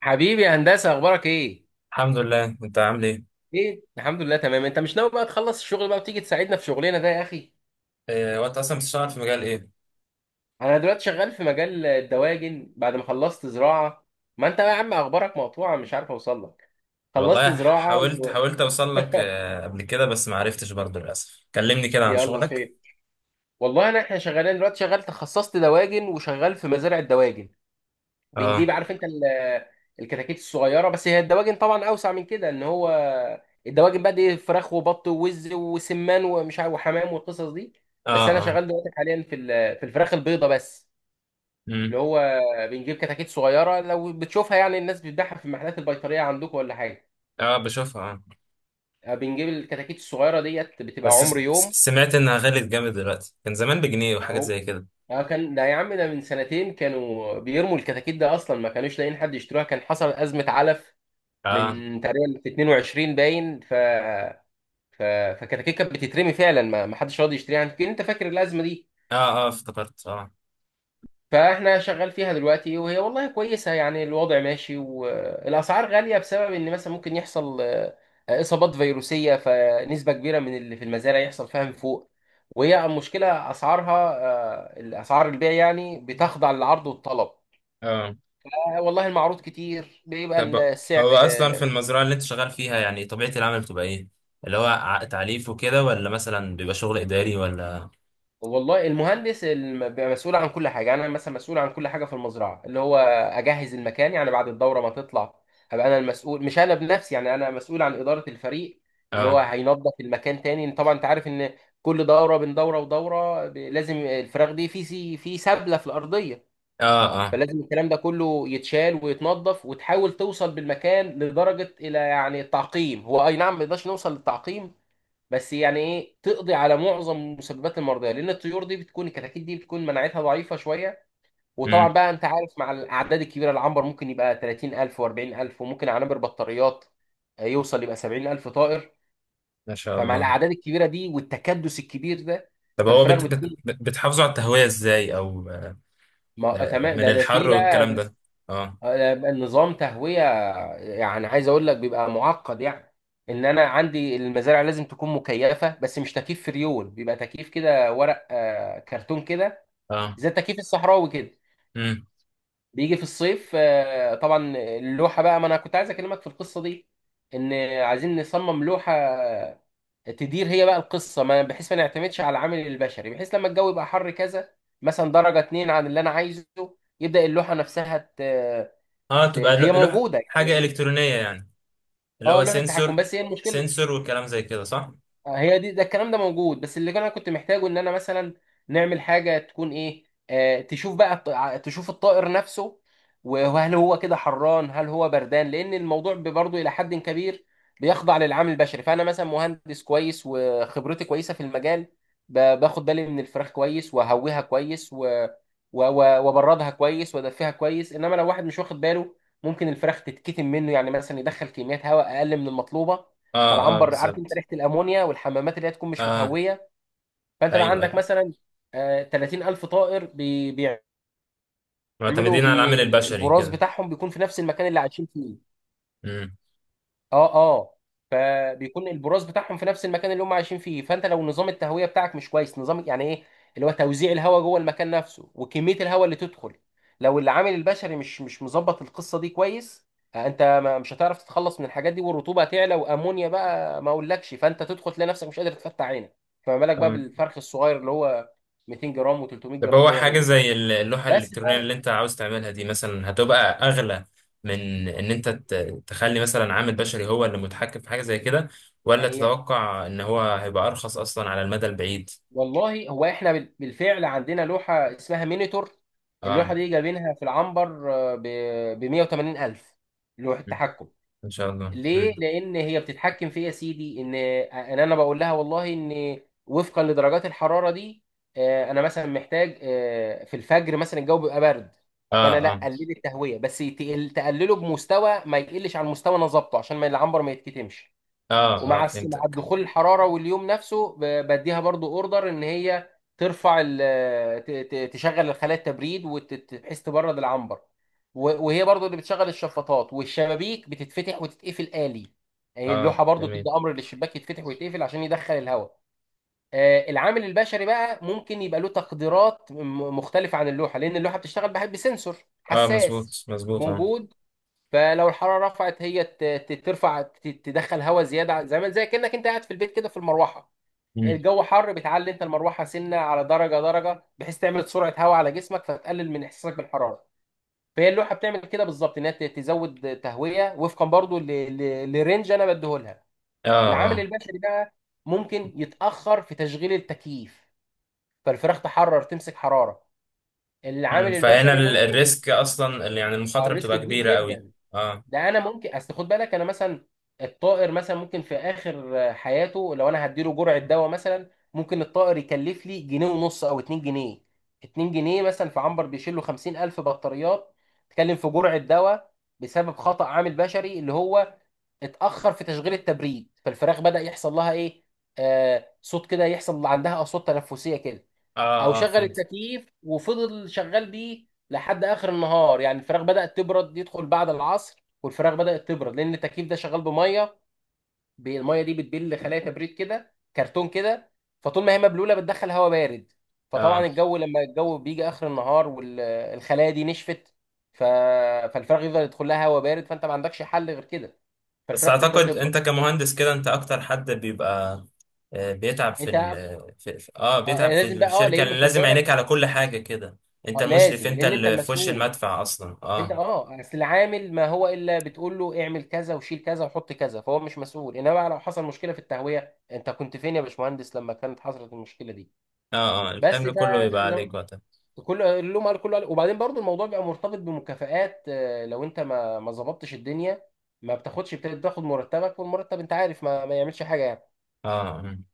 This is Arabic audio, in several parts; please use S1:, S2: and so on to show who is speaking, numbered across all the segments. S1: حبيبي يا هندسة، أخبارك إيه؟
S2: الحمد لله، انت عامل ايه؟
S1: الحمد لله تمام، أنت مش ناوي بقى تخلص الشغل بقى وتيجي تساعدنا في شغلنا ده يا أخي؟
S2: إيه، وانت اصلا بتشتغل في مجال ايه؟
S1: أنا دلوقتي شغال في مجال الدواجن بعد ما خلصت زراعة. ما أنت بقى يا عم أخبارك مقطوعة، مش عارف أوصل لك. خلصت
S2: والله
S1: زراعة و...
S2: حاولت اوصل لك، قبل كده بس ما عرفتش برضه للاسف. كلمني كده عن
S1: يلا
S2: شغلك.
S1: خير. والله أنا إحنا شغالين دلوقتي، شغال تخصصت دواجن وشغال في مزارع الدواجن. بنجيب،
S2: اه.
S1: عارف انت الكتاكيت الصغيره، بس هي الدواجن طبعا اوسع من كده، ان هو الدواجن بقى دي فراخ وبط ووز وسمان ومش عارف وحمام والقصص دي. بس انا
S2: اه. اه.
S1: شغال دلوقتي حاليا في في الفراخ البيضه بس،
S2: امم.
S1: اللي هو بنجيب كتاكيت صغيره، لو بتشوفها يعني الناس بتبيعها في المحلات البيطريه عندكم ولا حاجه.
S2: اه بشوفها، اه.
S1: آه، بنجيب الكتاكيت الصغيره ديت، بتبقى
S2: بس
S1: عمر يوم.
S2: سمعت انها غلت جامد دلوقتي، كان زمان بجنيه وحاجات
S1: اهو.
S2: زي كده.
S1: اه، كان ده يا عم، ده من سنتين كانوا بيرموا الكتاكيت، ده اصلا ما كانوش لاقيين حد يشتروها، كان حصل ازمه علف
S2: اه
S1: من تقريبا 22، باين ف فكتاكيت كانت بتترمي فعلا، ما حدش راضي يشتريها، يمكن انت فاكر الازمه دي.
S2: اه. اه افتكرت، اه
S1: فاحنا شغال فيها دلوقتي، وهي والله كويسه يعني، الوضع ماشي، والاسعار غاليه بسبب ان مثلا ممكن يحصل اصابات فيروسيه، فنسبه كبيره من اللي في المزارع يحصل فيها من فوق، وهي المشكله اسعارها. آه، الاسعار البيع يعني بتخضع للعرض والطلب.
S2: اه.
S1: آه، والله المعروض كتير بيبقى
S2: طب
S1: السعر.
S2: هو اصلا في المزرعه اللي انت شغال فيها يعني طبيعه العمل بتبقى ايه؟ اللي هو تعليف وكده، ولا مثلا بيبقى شغل اداري ولا؟
S1: والله المهندس بيبقى مسؤول عن كل حاجه. انا مثلا مسؤول عن كل حاجه في المزرعه، اللي هو اجهز المكان يعني. بعد الدوره ما تطلع، هبقى انا المسؤول، مش انا بنفسي يعني، انا مسؤول عن اداره الفريق اللي هو
S2: اه.
S1: هينظف المكان تاني. طبعا انت عارف ان كل دوره، بين دوره ودوره، لازم الفراخ دي في في سبله في الارضيه،
S2: اه. اه.
S1: فلازم الكلام ده كله يتشال ويتنظف، وتحاول توصل بالمكان لدرجه الى يعني التعقيم. هو اي نعم ما نقدرش نوصل للتعقيم، بس يعني ايه، تقضي على معظم مسببات المرضيه، لان الطيور دي بتكون، الكتاكيت دي بتكون مناعتها ضعيفه شويه.
S2: امم.
S1: وطبعا بقى انت عارف، مع الاعداد الكبيره، العنبر ممكن يبقى 30,000 و40000، وممكن عنبر بطاريات، آه، يوصل يبقى 70,000 طائر.
S2: ما شاء
S1: فمع
S2: الله.
S1: الاعداد الكبيره دي والتكدس الكبير ده،
S2: طب هو
S1: فالفراخ بتكون،
S2: بتحافظوا على التهوية ازاي، او آه،
S1: ما آه، تمام.
S2: من
S1: ده
S2: الحر
S1: في بقى
S2: والكلام ده؟ اه.
S1: آه، بقى نظام تهويه. يعني عايز اقول لك بيبقى معقد يعني. ان انا عندي المزارع لازم تكون مكيفه، بس مش تكييف فريون، بيبقى تكييف كده ورق آه، كرتون كده،
S2: اه.
S1: زي التكييف الصحراوي كده.
S2: امم.
S1: بيجي في الصيف آه، طبعا اللوحه بقى، ما انا كنت عايز اكلمك في القصه دي. ان عايزين نصمم لوحه تدير هي بقى القصه، ما بحيث ما نعتمدش على العامل البشري، بحيث لما الجو يبقى حر كذا، مثلا درجه اتنين عن اللي انا عايزه، يبدا اللوحه نفسها
S2: اه تبقى
S1: هي
S2: لوح
S1: موجوده
S2: حاجة
S1: يعني.
S2: إلكترونية يعني، اللي
S1: اه،
S2: هو
S1: لوحه تحكم،
S2: سنسور؟
S1: بس هي المشكله،
S2: سنسور والكلام زي كده، صح؟
S1: هي دي، ده الكلام ده موجود، بس اللي انا كنت محتاجه ان انا مثلا نعمل حاجه تكون ايه، آه، تشوف بقى تشوف الطائر نفسه، وهل هو كده حران هل هو بردان، لان الموضوع برضه الى حد كبير بيخضع للعامل البشري. فانا مثلا مهندس كويس وخبرتي كويسه في المجال، باخد بالي من الفراخ كويس، وهويها كويس و... وبردها كويس، وادفيها كويس. انما لو واحد مش واخد باله، ممكن الفراخ تتكتم منه، يعني مثلا يدخل كميات هواء اقل من المطلوبه.
S2: اه اه،
S1: فالعنبر، عارف انت،
S2: بالظبط.
S1: ريحه الامونيا والحمامات اللي هي تكون مش
S2: اه
S1: متهويه. فانت بقى
S2: ايوه ايوه،
S1: عندك مثلا آه، 30,000 طائر بيعملوا
S2: معتمدين على العامل البشري
S1: البراز
S2: كده.
S1: بتاعهم بيكون في نفس المكان اللي عايشين فيه. اه اه. فبيكون البراز بتاعهم في نفس المكان اللي هم عايشين فيه، فانت لو نظام التهويه بتاعك مش كويس، نظام يعني ايه، اللي هو توزيع الهواء جوه المكان نفسه، وكميه الهواء اللي تدخل. لو العامل البشري مش مظبط القصه دي كويس، آه، انت مش هتعرف تتخلص من الحاجات دي، والرطوبه هتعلى، وامونيا بقى ما اقولكش. فانت تدخل تلاقي نفسك مش قادر تفتح عينك، فما بالك بقى
S2: امم.
S1: بالفرخ الصغير اللي هو 200 جرام و300
S2: طب
S1: جرام،
S2: هو
S1: ده يعمل
S2: حاجة
S1: ايه.
S2: زي اللوحة
S1: بس
S2: الإلكترونية اللي
S1: بقى
S2: أنت عاوز تعملها دي مثلا هتبقى أغلى من إن أنت تخلي مثلا عامل بشري هو اللي متحكم في حاجة زي كده، ولا
S1: هي،
S2: تتوقع إن هو هيبقى أرخص أصلا على المدى البعيد؟
S1: والله هو احنا بالفعل عندنا لوحة اسمها مينيتور.
S2: آه.
S1: اللوحة دي جايبينها في العنبر آه، ب 180 ألف، لوحة
S2: مم.
S1: تحكم.
S2: إن شاء الله.
S1: ليه؟
S2: مم.
S1: لأن هي بتتحكم في إيه يا سيدي، إن أنا بقول لها والله إن، وفقا لدرجات الحرارة دي آه، أنا مثلا محتاج آه، في الفجر مثلا الجو بيبقى برد، فأنا
S2: آه.
S1: لا
S2: آه
S1: قلل التهوية بس، تقلله بمستوى ما يقلش عن مستوى أنا ظابطه، عشان ما العنبر ما يتكتمش.
S2: آه آه
S1: ومع مع
S2: فهمتك.
S1: دخول الحراره واليوم نفسه، بديها برضو اوردر ان هي ترفع تشغل الخلايا التبريد، وبحيث تبرد العنبر. وهي برضو اللي بتشغل الشفاطات، والشبابيك بتتفتح وتتقفل آلي. هي
S2: آه،
S1: اللوحه برضو تدي
S2: جميل.
S1: امر للشباك يتفتح ويتقفل عشان يدخل الهواء. آه، العامل البشري بقى ممكن يبقى له تقديرات مختلفه عن اللوحه، لان اللوحه بتشتغل بسنسور
S2: آه،
S1: حساس
S2: مظبوط مظبوط، آه.
S1: موجود. فلو الحراره رفعت، هي ترفع، تدخل هواء زياده، زي ما، زي كانك انت قاعد في البيت كده في المروحه.
S2: مم.
S1: الجو حر، بتعلي انت المروحه سنه على درجه درجه، بحيث تعمل سرعه هواء على جسمك، فتقلل من احساسك بالحراره. فهي اللوحه بتعمل كده بالظبط، انها تزود تهويه وفقا برضو لرينج انا بديهولها.
S2: آه
S1: العامل
S2: آه.
S1: البشري بقى ممكن يتاخر في تشغيل التكييف، فالفراخ تحرر تمسك حراره.
S2: مم.
S1: العامل
S2: فهنا
S1: البشري ممكن،
S2: الريسك أصلا، يعني
S1: آه،
S2: المخاطرة
S1: الريسك
S2: بتبقى
S1: كبير
S2: كبيرة قوي.
S1: جدا.
S2: آه
S1: ده انا ممكن اصل، خد بالك انا مثلا، الطائر مثلا ممكن في اخر حياته، لو انا هديله جرعه دواء مثلا ممكن الطائر يكلف لي جنيه ونص او اتنين جنيه. اتنين جنيه مثلا في عنبر بيشيل له خمسين الف بطاريات، تكلم في جرعه دواء بسبب خطأ عامل بشري، اللي هو اتأخر في تشغيل التبريد، فالفراخ بدأ يحصل لها ايه، آه صوت كده، يحصل عندها اصوات تنفسيه كده.
S2: آه
S1: او
S2: آه،
S1: شغل
S2: فهمت.
S1: التكييف وفضل شغال بيه لحد اخر النهار، يعني الفراخ بدات تبرد، يدخل بعد العصر والفراخ بدات تبرد، لان التكييف ده شغال بميه، الميه دي بتبل خلايا كبريت كده، كرتون كده. فطول ما هي مبلوله بتدخل هواء بارد، فطبعا الجو لما الجو بيجي اخر النهار والخلايا دي نشفت، ف... فالفراخ يفضل يدخل لها هواء بارد، فانت ما عندكش حل غير كده،
S2: بس
S1: فالفراخ تبدا
S2: اعتقد
S1: تبرد.
S2: انت كمهندس كده انت اكتر حد بيبقى بيتعب في
S1: انت
S2: ال
S1: آه،
S2: بيتعب في
S1: لازم بقى اه
S2: الشركة
S1: لان
S2: اللي
S1: خد
S2: لازم عينيك
S1: بالك.
S2: على كل حاجة كده. انت
S1: آه
S2: المشرف،
S1: لازم،
S2: انت
S1: لان انت
S2: اللي في وش
S1: المسؤول.
S2: المدفع اصلا،
S1: انت
S2: اه.
S1: اه، اصل العامل ما هو الا بتقول له اعمل كذا وشيل كذا وحط كذا، فهو مش مسؤول. انما بقى لو حصل مشكله في التهويه، انت كنت فين يا باشمهندس لما كانت حصلت المشكله دي؟
S2: اه اه،
S1: بس
S2: الحمل كله
S1: ده
S2: يبقى
S1: زي
S2: عليك وقتها.
S1: كله اللوم قال كله قال. وبعدين برضو الموضوع بيبقى مرتبط بمكافآت آه، لو انت ما ظبطتش الدنيا، ما بتاخدش، بتاخد مرتبك، والمرتب انت عارف ما يعملش حاجه يعني.
S2: اه. مم.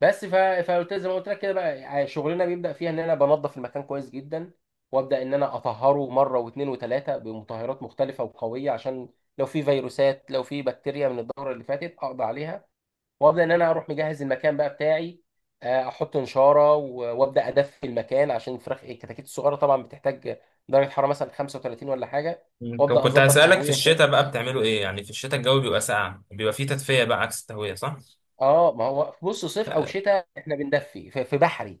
S1: بس فقلت زي ما قلت لك كده بقى، يعني شغلنا بيبدا فيها ان انا بنظف المكان كويس جدا، وابدا ان انا اطهره مره واثنين وثلاثه بمطهرات مختلفه وقويه، عشان لو في فيروسات لو في بكتيريا من الدوره اللي فاتت اقضي عليها. وابدا ان انا اروح مجهز المكان بقى بتاعي، آه، احط نشاره وابدا ادفي المكان، عشان الفراخ الكتاكيت الصغيره طبعا بتحتاج درجه حراره مثلا 35 ولا حاجه،
S2: مم. طب
S1: وابدا
S2: كنت
S1: اظبط
S2: هسألك في
S1: تهويه
S2: الشتاء
S1: شويه.
S2: بقى بتعملوا ايه؟ يعني في الشتاء الجو بيبقى ساقع، بيبقى فيه تدفئة بقى عكس التهوية، صح؟
S1: اه ما هو بص صيف او شتاء احنا بندفي في، في بحري،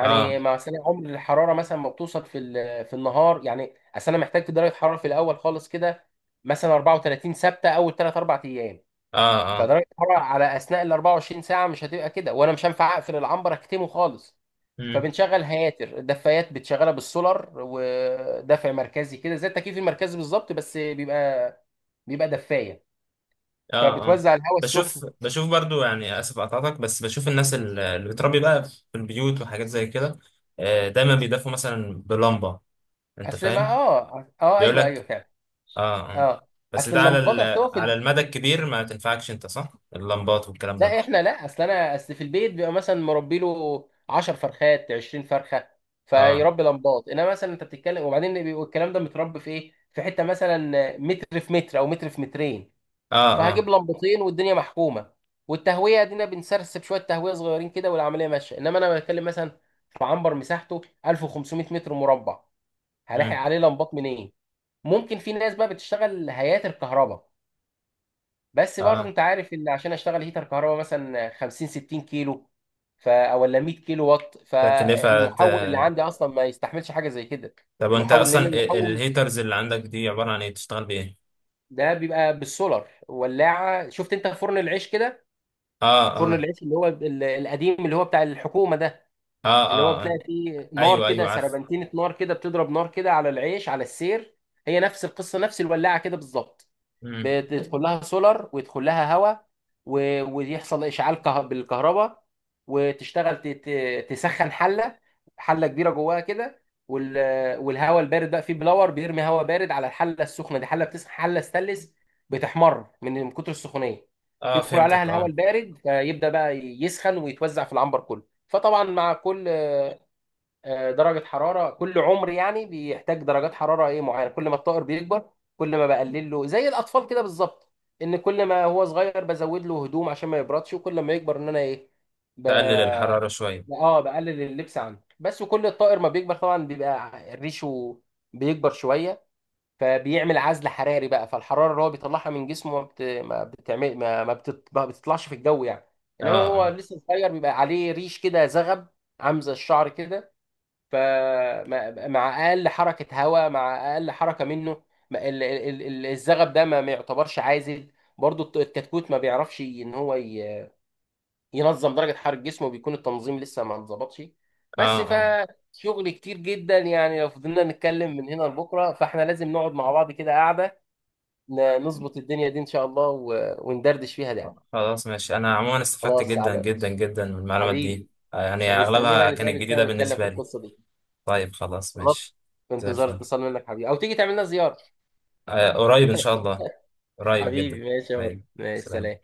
S2: اه
S1: مثلا عمر الحراره مثلا ما بتوصل في في النهار، يعني اصل انا محتاج درجه حراره في الاول خالص كده، مثلا 34 ثابته اول 3 4 ايام،
S2: اه اه.
S1: فدرجه الحراره على اثناء ال 24 ساعه مش هتبقى كده، وانا مش هينفع اقفل العنبر اكتمه خالص.
S2: مم.
S1: فبنشغل هياتر الدفايات، بتشغلها بالسولار، ودفع مركزي كده زي التكييف المركزي بالظبط، بس بيبقى، بيبقى دفايه.
S2: اه اه،
S1: فبتوزع الهواء السخن.
S2: بشوف بشوف برضو، يعني اسف اقطعتك، بس بشوف الناس اللي بتربي بقى في البيوت وحاجات زي كده. دايما بيدفوا مثلا بلمبه. انت
S1: اصل ما
S2: فاهم؟
S1: اه اه
S2: بيقول
S1: ايوه ايوه
S2: لك.
S1: فعلا.
S2: اه اه.
S1: اه،
S2: بس
S1: اصل
S2: ده على
S1: اللمبات، اصل هو في،
S2: على المدى الكبير ما تنفعكش انت، صح؟ اللمبات والكلام ده.
S1: لا احنا لا، اصل انا اصل في البيت بيبقى مثلا مربي له 10 فرخات 20 فرخه،
S2: اه
S1: فيربي لمبات. انما مثلا انت بتتكلم، وبعدين بيبقى الكلام ده متربي في ايه، في حته مثلا متر في متر، او متر في مترين،
S2: اه اه.
S1: فهجيب لمبتين والدنيا محكومه، والتهويه دينا بنسرسب شويه تهويه صغيرين كده والعمليه ماشيه. انما انا بتكلم مثلا في عنبر مساحته 1500 متر مربع، هلاحق
S2: مم.
S1: عليه لمبات منين؟ ممكن في ناس بقى بتشتغل هيئات الكهرباء، بس برضه
S2: اه،
S1: انت عارف ان عشان اشتغل هيتر كهرباء مثلا 50 60 كيلو، ف او ولا 100 كيلو واط،
S2: تكلفه.
S1: فالمحول اللي عندي اصلا ما يستحملش حاجه زي كده.
S2: طب وانت
S1: المحول،
S2: اصلا
S1: لان المحول
S2: الهيترز اللي عندك دي عباره عن ايه؟ بتشتغل بايه؟
S1: ده بيبقى بالسولار. ولاعه، شفت انت فرن العيش كده؟
S2: اه
S1: فرن
S2: اه
S1: العيش اللي هو القديم اللي هو بتاع الحكومه ده،
S2: اه
S1: اللي هو
S2: اه، آه.
S1: بتلاقي فيه نار
S2: ايوه
S1: كده،
S2: ايوه، عارف.
S1: سربنتينه نار كده بتضرب نار كده على العيش على السير. هي نفس القصه، نفس الولاعه كده بالظبط.
S2: مم.
S1: بتدخل لها سولار ويدخل لها هواء، ويحصل اشعال بالكهرباء، وتشتغل تسخن حله، حله كبيره جواها كده. والهواء البارد بقى فيه بلور بيرمي هواء بارد على الحله السخنه دي، حله بتسخن، حله ستانلس، بتحمر من كتر السخونيه،
S2: اه
S1: يدخل عليها
S2: فهمتك،
S1: الهواء
S2: اه.
S1: البارد فيبدا بقى يسخن ويتوزع في العنبر كله. فطبعا مع كل آه، درجة حرارة كل عمر يعني بيحتاج درجات حرارة ايه معينة. كل ما الطائر بيكبر، كل ما بقلل له، زي الأطفال كده بالظبط، إن كل ما هو صغير بزود له هدوم عشان ما يبردش، وكل ما يكبر إن أنا ايه، ب...
S2: تقلل الحراره شويه.
S1: اه بقلل اللبس عنه بس. وكل الطائر ما بيكبر طبعا بيبقى ريشه بيكبر شوية، فبيعمل عزل حراري بقى، فالحرارة اللي هو بيطلعها من جسمه ما بت... ما بتعمل ما ما, بتط... ما بتطلعش في الجو يعني، إنما هو
S2: اه
S1: لسه صغير بيبقى عليه ريش كده زغب، عامل زي الشعر كده. فمع اقل حركه هواء، مع اقل حركه منه، الزغب ده ما يعتبرش عازل. برضو الكتكوت ما بيعرفش ان هو ينظم درجه حراره جسمه، بيكون التنظيم لسه ما انظبطش. بس
S2: اه
S1: فشغل كتير جدا يعني، لو فضلنا نتكلم من هنا لبكره. فاحنا لازم نقعد مع بعض كده قاعده، نظبط الدنيا دي ان شاء الله، وندردش فيها ده.
S2: اه، خلاص ماشي. انا عموما استفدت
S1: خلاص
S2: جدا
S1: على
S2: جدا جدا من المعلومات دي.
S1: حبيبي.
S2: يعني
S1: انا مستني بقى
S2: اغلبها كانت
S1: نتقابل سوا
S2: جديدة
S1: ونتكلم في
S2: بالنسبة لي.
S1: القصه دي.
S2: طيب خلاص
S1: خلاص،
S2: ماشي.
S1: في
S2: زي
S1: انتظار
S2: الفل.
S1: اتصال منك حبيبي، او تيجي تعمل لنا زياره.
S2: قريب ان شاء الله. قريب جدا.
S1: حبيبي ماشي يا بطل،
S2: طيب.
S1: ماشي، سلام.
S2: سلام.